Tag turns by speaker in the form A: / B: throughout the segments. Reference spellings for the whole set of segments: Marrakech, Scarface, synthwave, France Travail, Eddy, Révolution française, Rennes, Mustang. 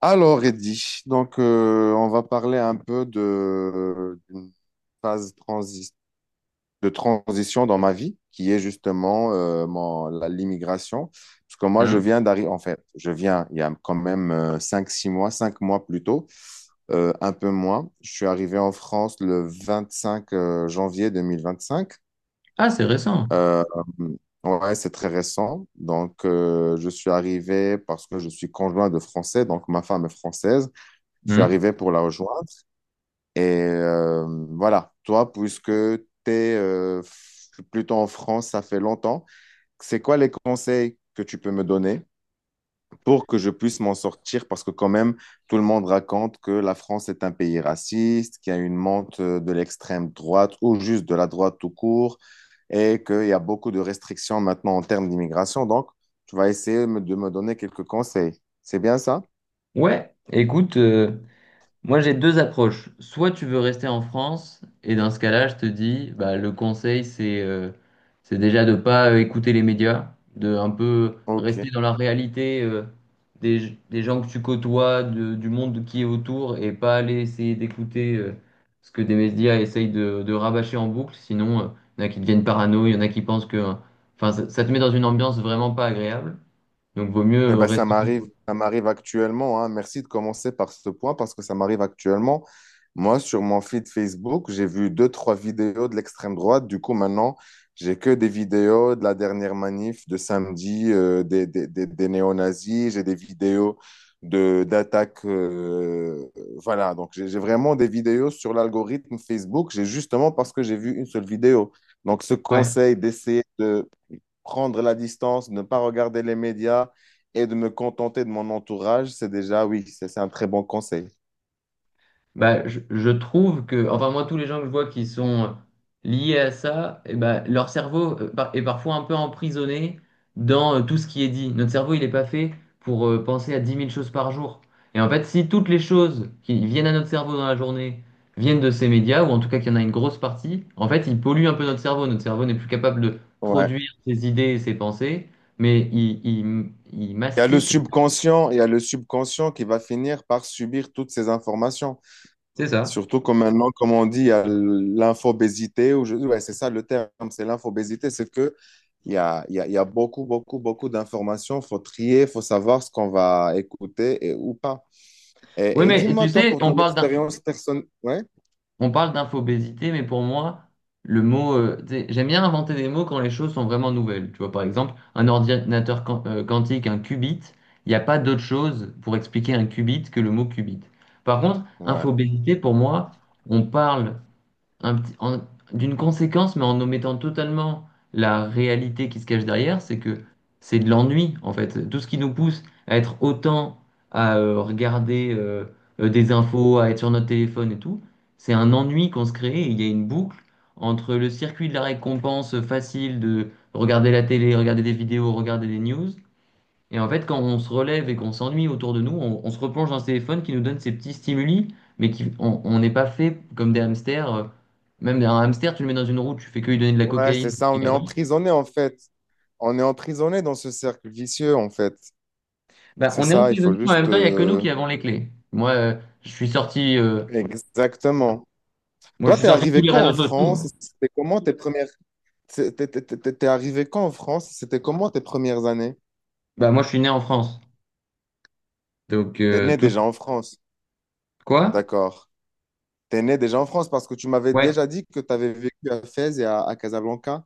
A: Alors, Eddy, on va parler un peu de d'une phase transi- de transition dans ma vie, qui est justement l'immigration. Parce que moi, je
B: Hmm.
A: viens d'arriver, en fait, je viens il y a quand même 5 mois plus tôt, un peu moins. Je suis arrivé en France le 25 janvier 2025.
B: Ah, c'est récent.
A: Euh, ouais, c'est très récent. Donc, je suis arrivé parce que je suis conjoint de Français, donc ma femme est française. Je suis
B: Hmm.
A: arrivé pour la rejoindre. Et euh, voilà, toi, puisque tu es plutôt en France, ça fait longtemps, c'est quoi les conseils que tu peux me donner pour que je puisse m'en sortir? Parce que quand même, tout le monde raconte que la France est un pays raciste, qu'il y a une monte de l'extrême droite ou juste de la droite tout court, et qu'il y a beaucoup de restrictions maintenant en termes d'immigration. Donc, tu vas de me donner quelques conseils. C'est bien ça?
B: Ouais, écoute, moi j'ai deux approches. Soit tu veux rester en France, et dans ce cas-là, je te dis, bah, le conseil, c'est c'est déjà de pas écouter les médias, de un peu
A: Ok.
B: rester dans la réalité, des gens que tu côtoies, du monde qui est autour, et pas aller essayer d'écouter ce que des médias essayent de rabâcher en boucle. Sinon, il y en a qui deviennent parano, il y en a qui pensent que Enfin, ça te met dans une ambiance vraiment pas agréable. Donc, vaut mieux
A: Eh
B: euh,
A: ben, ça
B: rester.
A: m'arrive, Oui. ça m'arrive actuellement, hein. Merci de commencer par ce point parce que ça m'arrive actuellement. Moi, sur mon feed Facebook, j'ai vu deux, trois vidéos de l'extrême droite. Du coup, maintenant, j'ai que des vidéos de la dernière manif de samedi, des néo-nazis. J'ai des vidéos d'attaques. Voilà, donc j'ai vraiment des vidéos sur l'algorithme Facebook. J'ai justement parce que j'ai vu une seule vidéo. Donc, ce
B: Ouais,
A: conseil d'essayer de prendre la distance, ne pas regarder les médias et de me contenter de mon entourage, c'est déjà, oui, c'est un très bon conseil.
B: bah, je trouve que, enfin moi, tous les gens que je vois qui sont liés à ça, eh ben, leur cerveau est parfois un peu emprisonné dans tout ce qui est dit. Notre cerveau, il n'est pas fait pour penser à 10 000 choses par jour. Et en fait, si toutes les choses qui viennent à notre cerveau dans la journée viennent de ces médias, ou en tout cas qu'il y en a une grosse partie, en fait, ils polluent un peu notre cerveau. Notre cerveau n'est plus capable de
A: Ouais.
B: produire ses idées et ses pensées, mais il
A: Il y a le
B: mastique.
A: subconscient, il y a le subconscient qui va finir par subir toutes ces informations.
B: C'est ça.
A: Surtout que maintenant, comme on dit, il y a l'infobésité, ouais, c'est ça le terme, c'est l'infobésité, c'est que il y a, il y a, il y a beaucoup, beaucoup, beaucoup d'informations, faut trier, faut savoir ce qu'on va écouter et, ou pas.
B: Oui,
A: Et
B: mais
A: dis-moi,
B: tu
A: toi,
B: sais,
A: pour ton expérience personnelle,
B: On parle d'infobésité, mais pour moi, tu sais, j'aime bien inventer des mots quand les choses sont vraiment nouvelles. Tu vois, par exemple, un ordinateur quantique, un qubit, il n'y a pas d'autre chose pour expliquer un qubit que le mot qubit. Par contre,
A: ouais,
B: infobésité, pour moi, on parle un petit- en- d'une conséquence, mais en omettant totalement la réalité qui se cache derrière, c'est que c'est de l'ennui, en fait. Tout ce qui nous pousse à être autant à regarder des infos, à être sur notre téléphone et tout, c'est un ennui qu'on se crée. Il y a une boucle entre le circuit de la récompense facile de regarder la télé, regarder des vidéos, regarder des news, et en fait, quand on se relève et qu'on s'ennuie autour de nous, on se replonge dans ce téléphone qui nous donne ces petits stimuli, mais qui, on n'est pas fait comme des hamsters. Même un hamster, tu le mets dans une roue, tu fais que lui donner de la
A: ouais, c'est
B: cocaïne,
A: ça,
B: il
A: on est
B: avance.
A: emprisonné en fait, on est emprisonné dans ce cercle vicieux en fait,
B: Bah,
A: c'est
B: on est
A: ça,
B: emprisonné, mais en même temps, il n'y a que nous qui avons les clés. Moi, je suis sorti, euh,
A: exactement.
B: moi, je
A: Toi,
B: suis
A: t'es
B: sorti de tous
A: arrivé
B: les
A: quand en
B: réseaux sociaux.
A: France?
B: Hein.
A: C'était comment tes premières C'est- T'es t'es- t'es- T'es arrivé quand en France? C'était comment tes premières années?
B: Bah, moi, je suis né en France. Donc,
A: T'es né
B: tout.
A: déjà en France,
B: Quoi?
A: d'accord. T'es né déjà en France parce que tu m'avais
B: Ouais.
A: déjà dit que t'avais vécu à Fès et à Casablanca.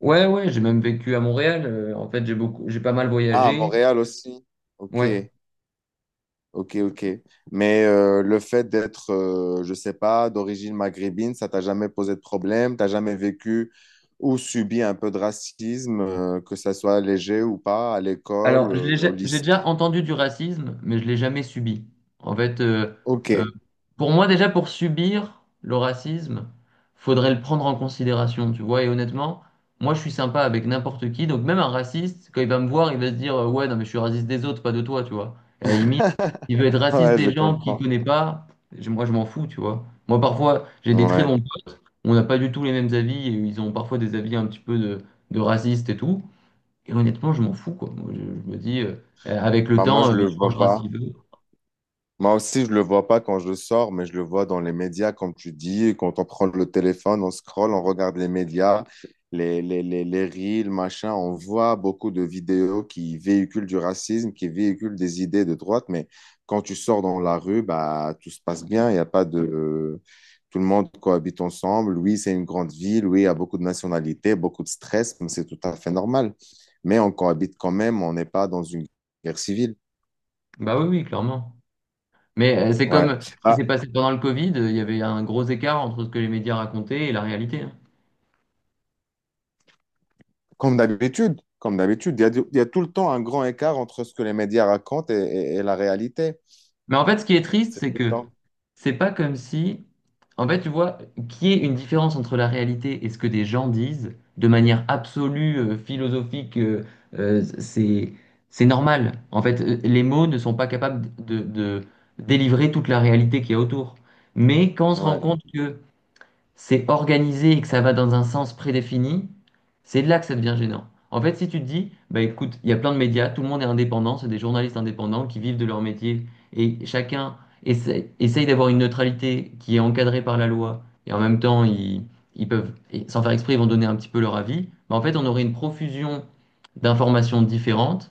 B: Ouais, ouais, j'ai même vécu à Montréal. En fait, j'ai beaucoup, j'ai pas mal
A: Ah, à
B: voyagé.
A: Montréal aussi. Ok,
B: Ouais.
A: ok, ok. Mais le fait d'être, je sais pas, d'origine maghrébine, ça t'a jamais posé de problème? T'as jamais vécu ou subi un peu de racisme, que ça soit léger ou pas, à l'école,
B: Alors,
A: au
B: j'ai
A: lycée?
B: déjà entendu du racisme, mais je l'ai jamais subi. En fait, euh,
A: Ok,
B: pour moi, déjà, pour subir le racisme, faudrait le prendre en considération, tu vois. Et honnêtement, moi, je suis sympa avec n'importe qui. Donc, même un raciste, quand il va me voir, il va se dire, ouais, non, mais je suis raciste des autres, pas de toi, tu vois. Et à la limite, il veut être raciste
A: ouais, je
B: des gens qu'il
A: comprends.
B: connaît pas. Moi, je m'en fous, tu vois. Moi, parfois, j'ai des très
A: Ouais.
B: bons potes, on n'a pas du tout les mêmes avis, et ils ont parfois des avis un petit peu de racistes et tout. Et honnêtement, je m'en fous, quoi. Moi, je me dis, avec le
A: Bah, moi,
B: temps,
A: je
B: euh,
A: le
B: il
A: Parce que vois
B: changera s'il
A: pas.
B: veut.
A: Moi aussi, je le vois pas quand je sors, mais je le vois dans les médias, comme tu dis. Et quand on prend le téléphone, on scrolle, on regarde les médias, les reels, machin. On voit beaucoup de vidéos qui véhiculent du racisme, qui véhiculent des idées de droite. Mais quand tu sors dans la rue, bah, tout se passe bien. Il y a pas de. Tout le monde cohabite ensemble. Oui, c'est une grande ville. Oui, il y a beaucoup de nationalités, beaucoup de stress, mais c'est tout à fait normal. Mais on cohabite quand même. On n'est pas dans une guerre civile.
B: Bah oui, oui, clairement. Mais c'est
A: Ouais.
B: comme ce qui
A: Ah,
B: s'est passé pendant le Covid, il y avait un gros écart entre ce que les médias racontaient et la réalité. Hein.
A: comme d'habitude, il y a, il y a tout le temps un grand écart entre ce que les médias racontent et la réalité.
B: Mais en fait, ce qui est triste,
A: C'est tout
B: c'est
A: le
B: que
A: temps.
B: c'est pas comme si, en fait, tu vois, qu'il y ait une différence entre la réalité et ce que des gens disent de manière absolue, philosophique, euh, c'est c'est normal. En fait, les mots ne sont pas capables de délivrer toute la réalité qu'il y a autour. Mais quand on se rend
A: Ouais.
B: compte que c'est organisé et que ça va dans un sens prédéfini, c'est là que ça devient gênant. En fait, si tu te dis, bah écoute, il y a plein de médias, tout le monde est indépendant, c'est des journalistes indépendants qui vivent de leur métier et chacun essaye, d'avoir une neutralité qui est encadrée par la loi et en même temps, ils peuvent, et sans faire exprès, ils vont donner un petit peu leur avis. Bah, en fait, on aurait une profusion d'informations différentes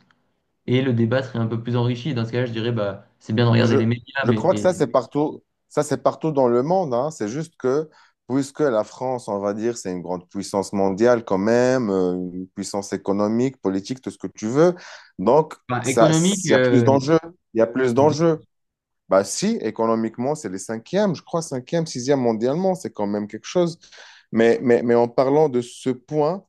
B: et le débat serait un peu plus enrichi. Dans ce cas-là, je dirais, bah c'est bien de regarder
A: Je,
B: les médias,
A: je
B: mais
A: crois que
B: et-
A: ça, c'est partout dans le monde, hein. C'est juste que, puisque la France, on va dire, c'est une grande puissance mondiale quand même, une puissance économique, politique, tout ce que tu veux, donc
B: Enfin, économique,
A: il y a plus
B: euh,
A: d'enjeux. Il y a plus d'enjeux. Bah si, économiquement, c'est les cinquièmes, je crois, cinquième, sixième mondialement, c'est quand même quelque chose. Mais en parlant de ce point,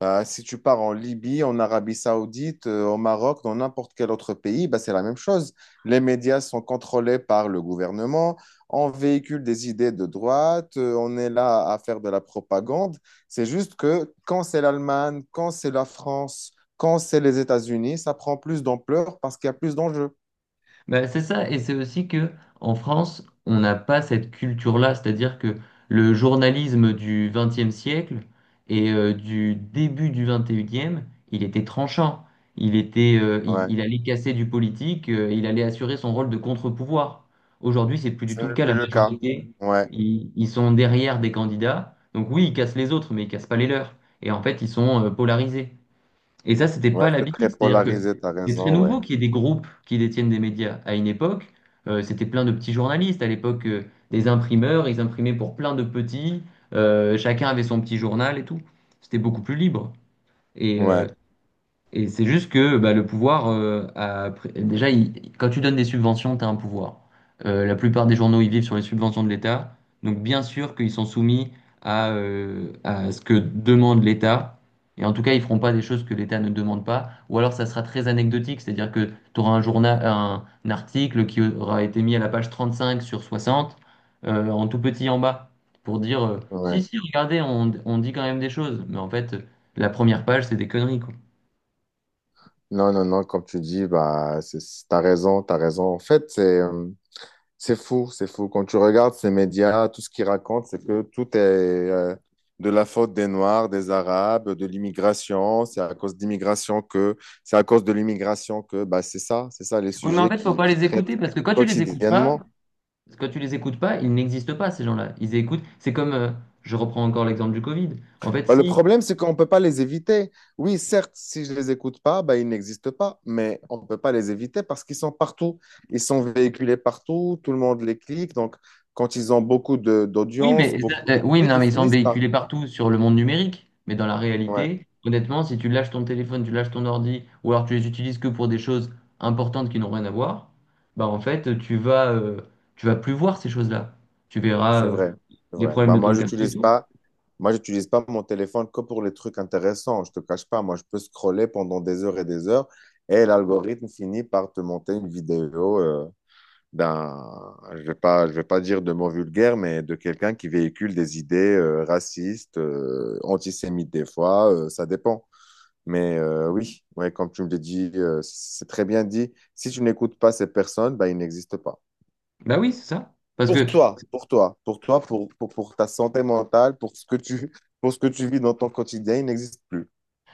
A: bah, si tu pars en Libye, en Arabie Saoudite, au Maroc, dans n'importe quel autre pays, bah, c'est la même chose. Les médias sont contrôlés par le gouvernement, on véhicule des idées de droite, on est là à faire de la propagande. C'est juste que quand c'est l'Allemagne, quand c'est la France, quand c'est les États-Unis, ça prend plus d'ampleur parce qu'il y a plus d'enjeux.
B: Bah, c'est ça, et c'est aussi que en France, on n'a pas cette culture-là, c'est-à-dire que le journalisme du XXe siècle et du début du XXIe, il était tranchant, il était,
A: Ouais.
B: il allait casser du politique, il allait assurer son rôle de contre-pouvoir. Aujourd'hui, c'est plus du
A: Ce
B: tout le
A: n'est
B: cas. La
A: plus le cas.
B: majorité,
A: Ouais,
B: ils sont derrière des candidats, donc oui, ils cassent les autres, mais ils cassent pas les leurs. Et en fait, ils sont polarisés. Et ça, c'était pas
A: ouais, c'est
B: l'habitude.
A: très
B: C'est-à-dire que
A: polarisé, t'as
B: c'est très
A: raison, ouais.
B: nouveau qu'il y ait des groupes qui détiennent des médias. À une époque, c'était plein de petits journalistes. À l'époque, des imprimeurs, ils imprimaient pour plein de petits. Chacun avait son petit journal et tout. C'était beaucoup plus libre. Et, euh,
A: Ouais,
B: et c'est juste que bah, le pouvoir, a pr- déjà, il- quand tu donnes des subventions, tu as un pouvoir. La plupart des journaux, ils vivent sur les subventions de l'État. Donc, bien sûr qu'ils sont soumis à ce que demande l'État. Et en tout cas, ils feront pas des choses que l'État ne demande pas. Ou alors, ça sera très anecdotique, c'est-à-dire que tu auras un journal, un article qui aura été mis à la page 35 sur 60, en tout petit en bas, pour dire, si,
A: ouais.
B: si, regardez, on dit quand même des choses. Mais en fait, la première page, c'est des conneries, quoi.
A: Non, non, non, comme tu dis, bah, t'as raison, t'as raison. En fait, c'est fou, c'est fou. Quand tu regardes ces médias, tout ce qu'ils racontent, c'est que tout est de la faute des Noirs, des Arabes, de l'immigration. C'est à cause d'immigration que, c'est à cause de l'immigration que, bah, c'est ça les
B: Oui, mais en
A: sujets
B: fait, faut pas
A: qui
B: les écouter
A: traitent
B: parce que quand tu les écoutes pas,
A: quotidiennement.
B: quand tu les écoutes pas, ils n'existent pas, ces gens-là. Ils écoutent. C'est comme, je reprends encore l'exemple du Covid. En fait,
A: Bah, le
B: si.
A: problème, c'est qu'on ne peut pas les éviter. Oui, certes, si je ne les écoute pas, bah, ils n'existent pas, mais on ne peut pas les éviter parce qu'ils sont partout. Ils sont véhiculés partout, tout le monde les clique. Donc, quand ils ont
B: Oui, mais,
A: d'audience, beaucoup
B: euh,
A: de
B: oui, mais
A: clics,
B: non,
A: ils
B: mais ils sont
A: finissent par...
B: véhiculés partout sur le monde numérique. Mais dans la
A: Ouais,
B: réalité, honnêtement, si tu lâches ton téléphone, tu lâches ton ordi, ou alors tu les utilises que pour des choses importantes qui n'ont rien à voir, bah en fait, tu vas plus voir ces choses-là. Tu verras,
A: c'est vrai, c'est
B: les
A: vrai.
B: problèmes
A: Bah,
B: de ton quartier et tout.
A: moi, j'utilise pas mon téléphone que pour les trucs intéressants. Je te cache pas, moi, je peux scroller pendant des heures et l'algorithme finit par te monter une vidéo. Je vais pas dire de mots vulgaires, mais de quelqu'un qui véhicule des idées racistes, antisémites des fois, ça dépend. Mais oui, ouais, comme tu me l'as dit, c'est très bien dit. Si tu n'écoutes pas ces personnes, bah, ils n'existent pas.
B: Bah oui, c'est ça. Parce que
A: Pour toi, pour ta santé mentale, pour ce que tu vis dans ton quotidien, ils n'existent plus.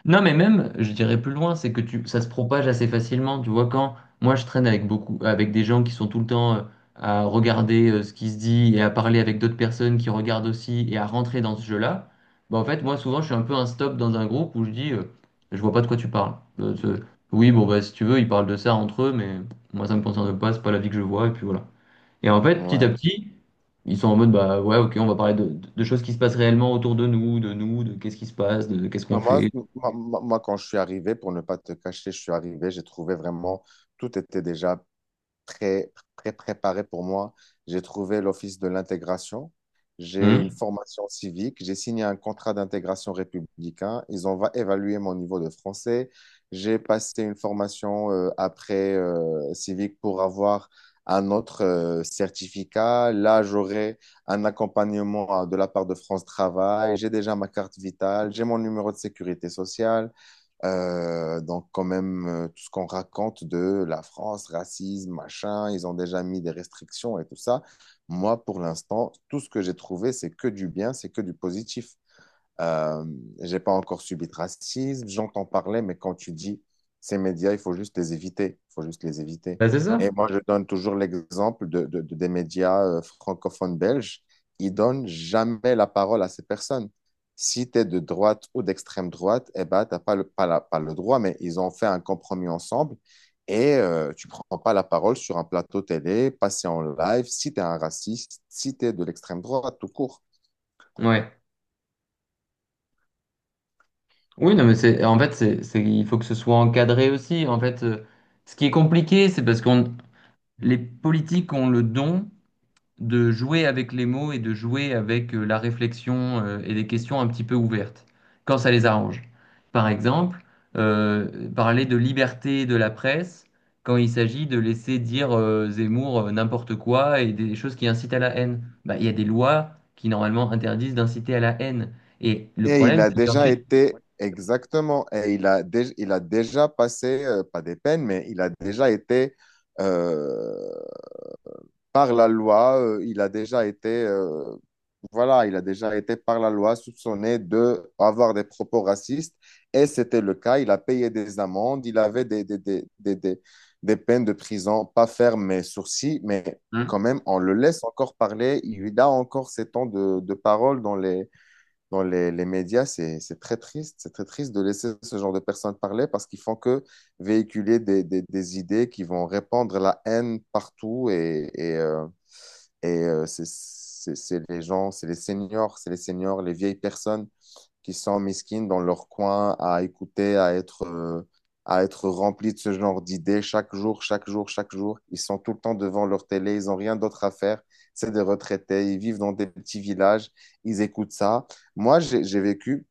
B: Non, mais même, je dirais plus loin, c'est que tu, ça se propage assez facilement. Tu vois, quand moi je traîne avec beaucoup, avec des gens qui sont tout le temps à regarder ce qui se dit et à parler avec d'autres personnes qui regardent aussi et à rentrer dans ce jeu-là, bah en fait, moi souvent je suis un peu un stop dans un groupe où je dis, je vois pas de quoi tu parles. Euh, ce- oui, bon, bah si tu veux, ils parlent de ça entre eux, mais moi ça me concerne pas, c'est pas la vie que je vois, et puis voilà. Et en fait, petit à
A: Ouais.
B: petit, ils sont en mode, bah ouais, ok, on va parler de choses qui se passent réellement autour de nous, de nous, de qu'est-ce qui se passe, de, qu'est-ce qu'on
A: Non,
B: fait.
A: moi, quand je suis arrivé, pour ne pas te cacher, je suis arrivé, j'ai trouvé vraiment, tout était déjà très, très préparé pour moi. J'ai trouvé l'Office de l'intégration. J'ai une
B: Hmm.
A: formation civique. J'ai signé un contrat d'intégration républicain. Ils ont évalué mon niveau de français. J'ai passé une formation après civique pour avoir un autre certificat. Là, j'aurai un accompagnement de la part de France Travail. J'ai déjà ma carte vitale. J'ai mon numéro de sécurité sociale. Donc, quand même, tout ce qu'on raconte de la France, racisme, machin, ils ont déjà mis des restrictions et tout ça. Moi, pour l'instant, tout ce que j'ai trouvé, c'est que du bien, c'est que du positif. Euh, j'ai pas encore subi de racisme, j'entends parler, mais quand tu dis ces médias, il faut juste les éviter, il faut juste les éviter.
B: Bah, c'est
A: Et
B: ça.
A: moi, je donne toujours l'exemple des médias francophones belges, ils donnent jamais la parole à ces personnes. Si tu es de droite ou d'extrême droite, eh ben, t'as pas le, pas la- pas le droit, mais ils ont fait un compromis ensemble et tu prends pas la parole sur un plateau télé, passer en live, si tu es un raciste, si tu es de l'extrême droite, tout court.
B: Ouais. Oui, non, mais c'est en fait, c'est il faut que ce soit encadré aussi. En fait, ce qui est compliqué, c'est parce qu'on les politiques ont le don de jouer avec les mots et de jouer avec la réflexion et des questions un petit peu ouvertes, quand ça les arrange. Par exemple, parler de liberté de la presse quand il s'agit de laisser dire Zemmour n'importe quoi et des choses qui incitent à la haine. Bah, il y a des lois qui normalement interdisent d'inciter à la haine. Et le problème, c'est qu'ensuite...
A: Et il a, il a déjà passé, pas des peines, mais il a déjà été, euh, par la loi, il a déjà été, voilà, il a déjà été par la loi soupçonné de avoir des propos racistes, et c'était le cas, il a payé des amendes, il avait des peines de prison, pas fermes, mais sourcils, mais quand
B: Hein.
A: même, on le laisse encore parler, il a encore ses temps de parole dans les médias, c'est très triste. C'est très triste de laisser ce genre de personnes parler parce qu'ils font que véhiculer des idées qui vont répandre la haine partout et c'est c'est les seniors, les vieilles personnes qui sont mesquines dans leur coin à écouter, à être remplis de ce genre d'idées chaque jour, chaque jour, chaque jour. Ils sont tout le temps devant leur télé, ils n'ont rien d'autre à faire. C'est des retraités, ils vivent dans des petits villages, ils écoutent ça. Moi, j'ai vécu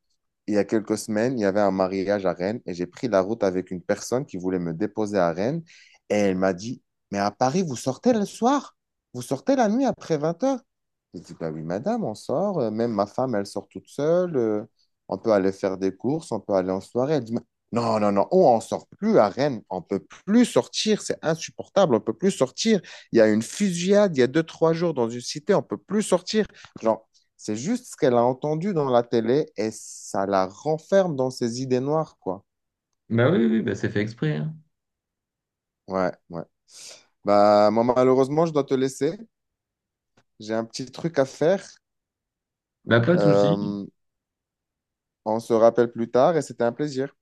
A: il y a quelques semaines, il y avait un mariage à Rennes et j'ai pris la route avec une personne qui voulait me déposer à Rennes et elle m'a dit, mais à Paris, vous sortez le soir, vous sortez la nuit après 20 heures. J'ai dit, bah oui, madame, on sort, même ma femme, elle sort toute seule, on peut aller faire des courses, on peut aller en soirée. Elle dit, mais non, non, non, on ne sort plus à Rennes, on ne peut plus sortir, c'est insupportable, on ne peut plus sortir. Il y a une fusillade il y a deux, trois jours dans une cité, on ne peut plus sortir. Genre, c'est juste ce qu'elle a entendu dans la télé et ça la renferme dans ses idées noires, quoi.
B: Bah oui, oui, bah c'est fait exprès. Hein.
A: Ouais, ouais. Bah, moi, malheureusement, je dois te laisser. J'ai un petit truc à faire.
B: Bah pas de souci.
A: Euh, on se rappelle plus tard et c'était un plaisir.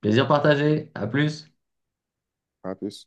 B: Plaisir partagé. À plus.
A: À plus.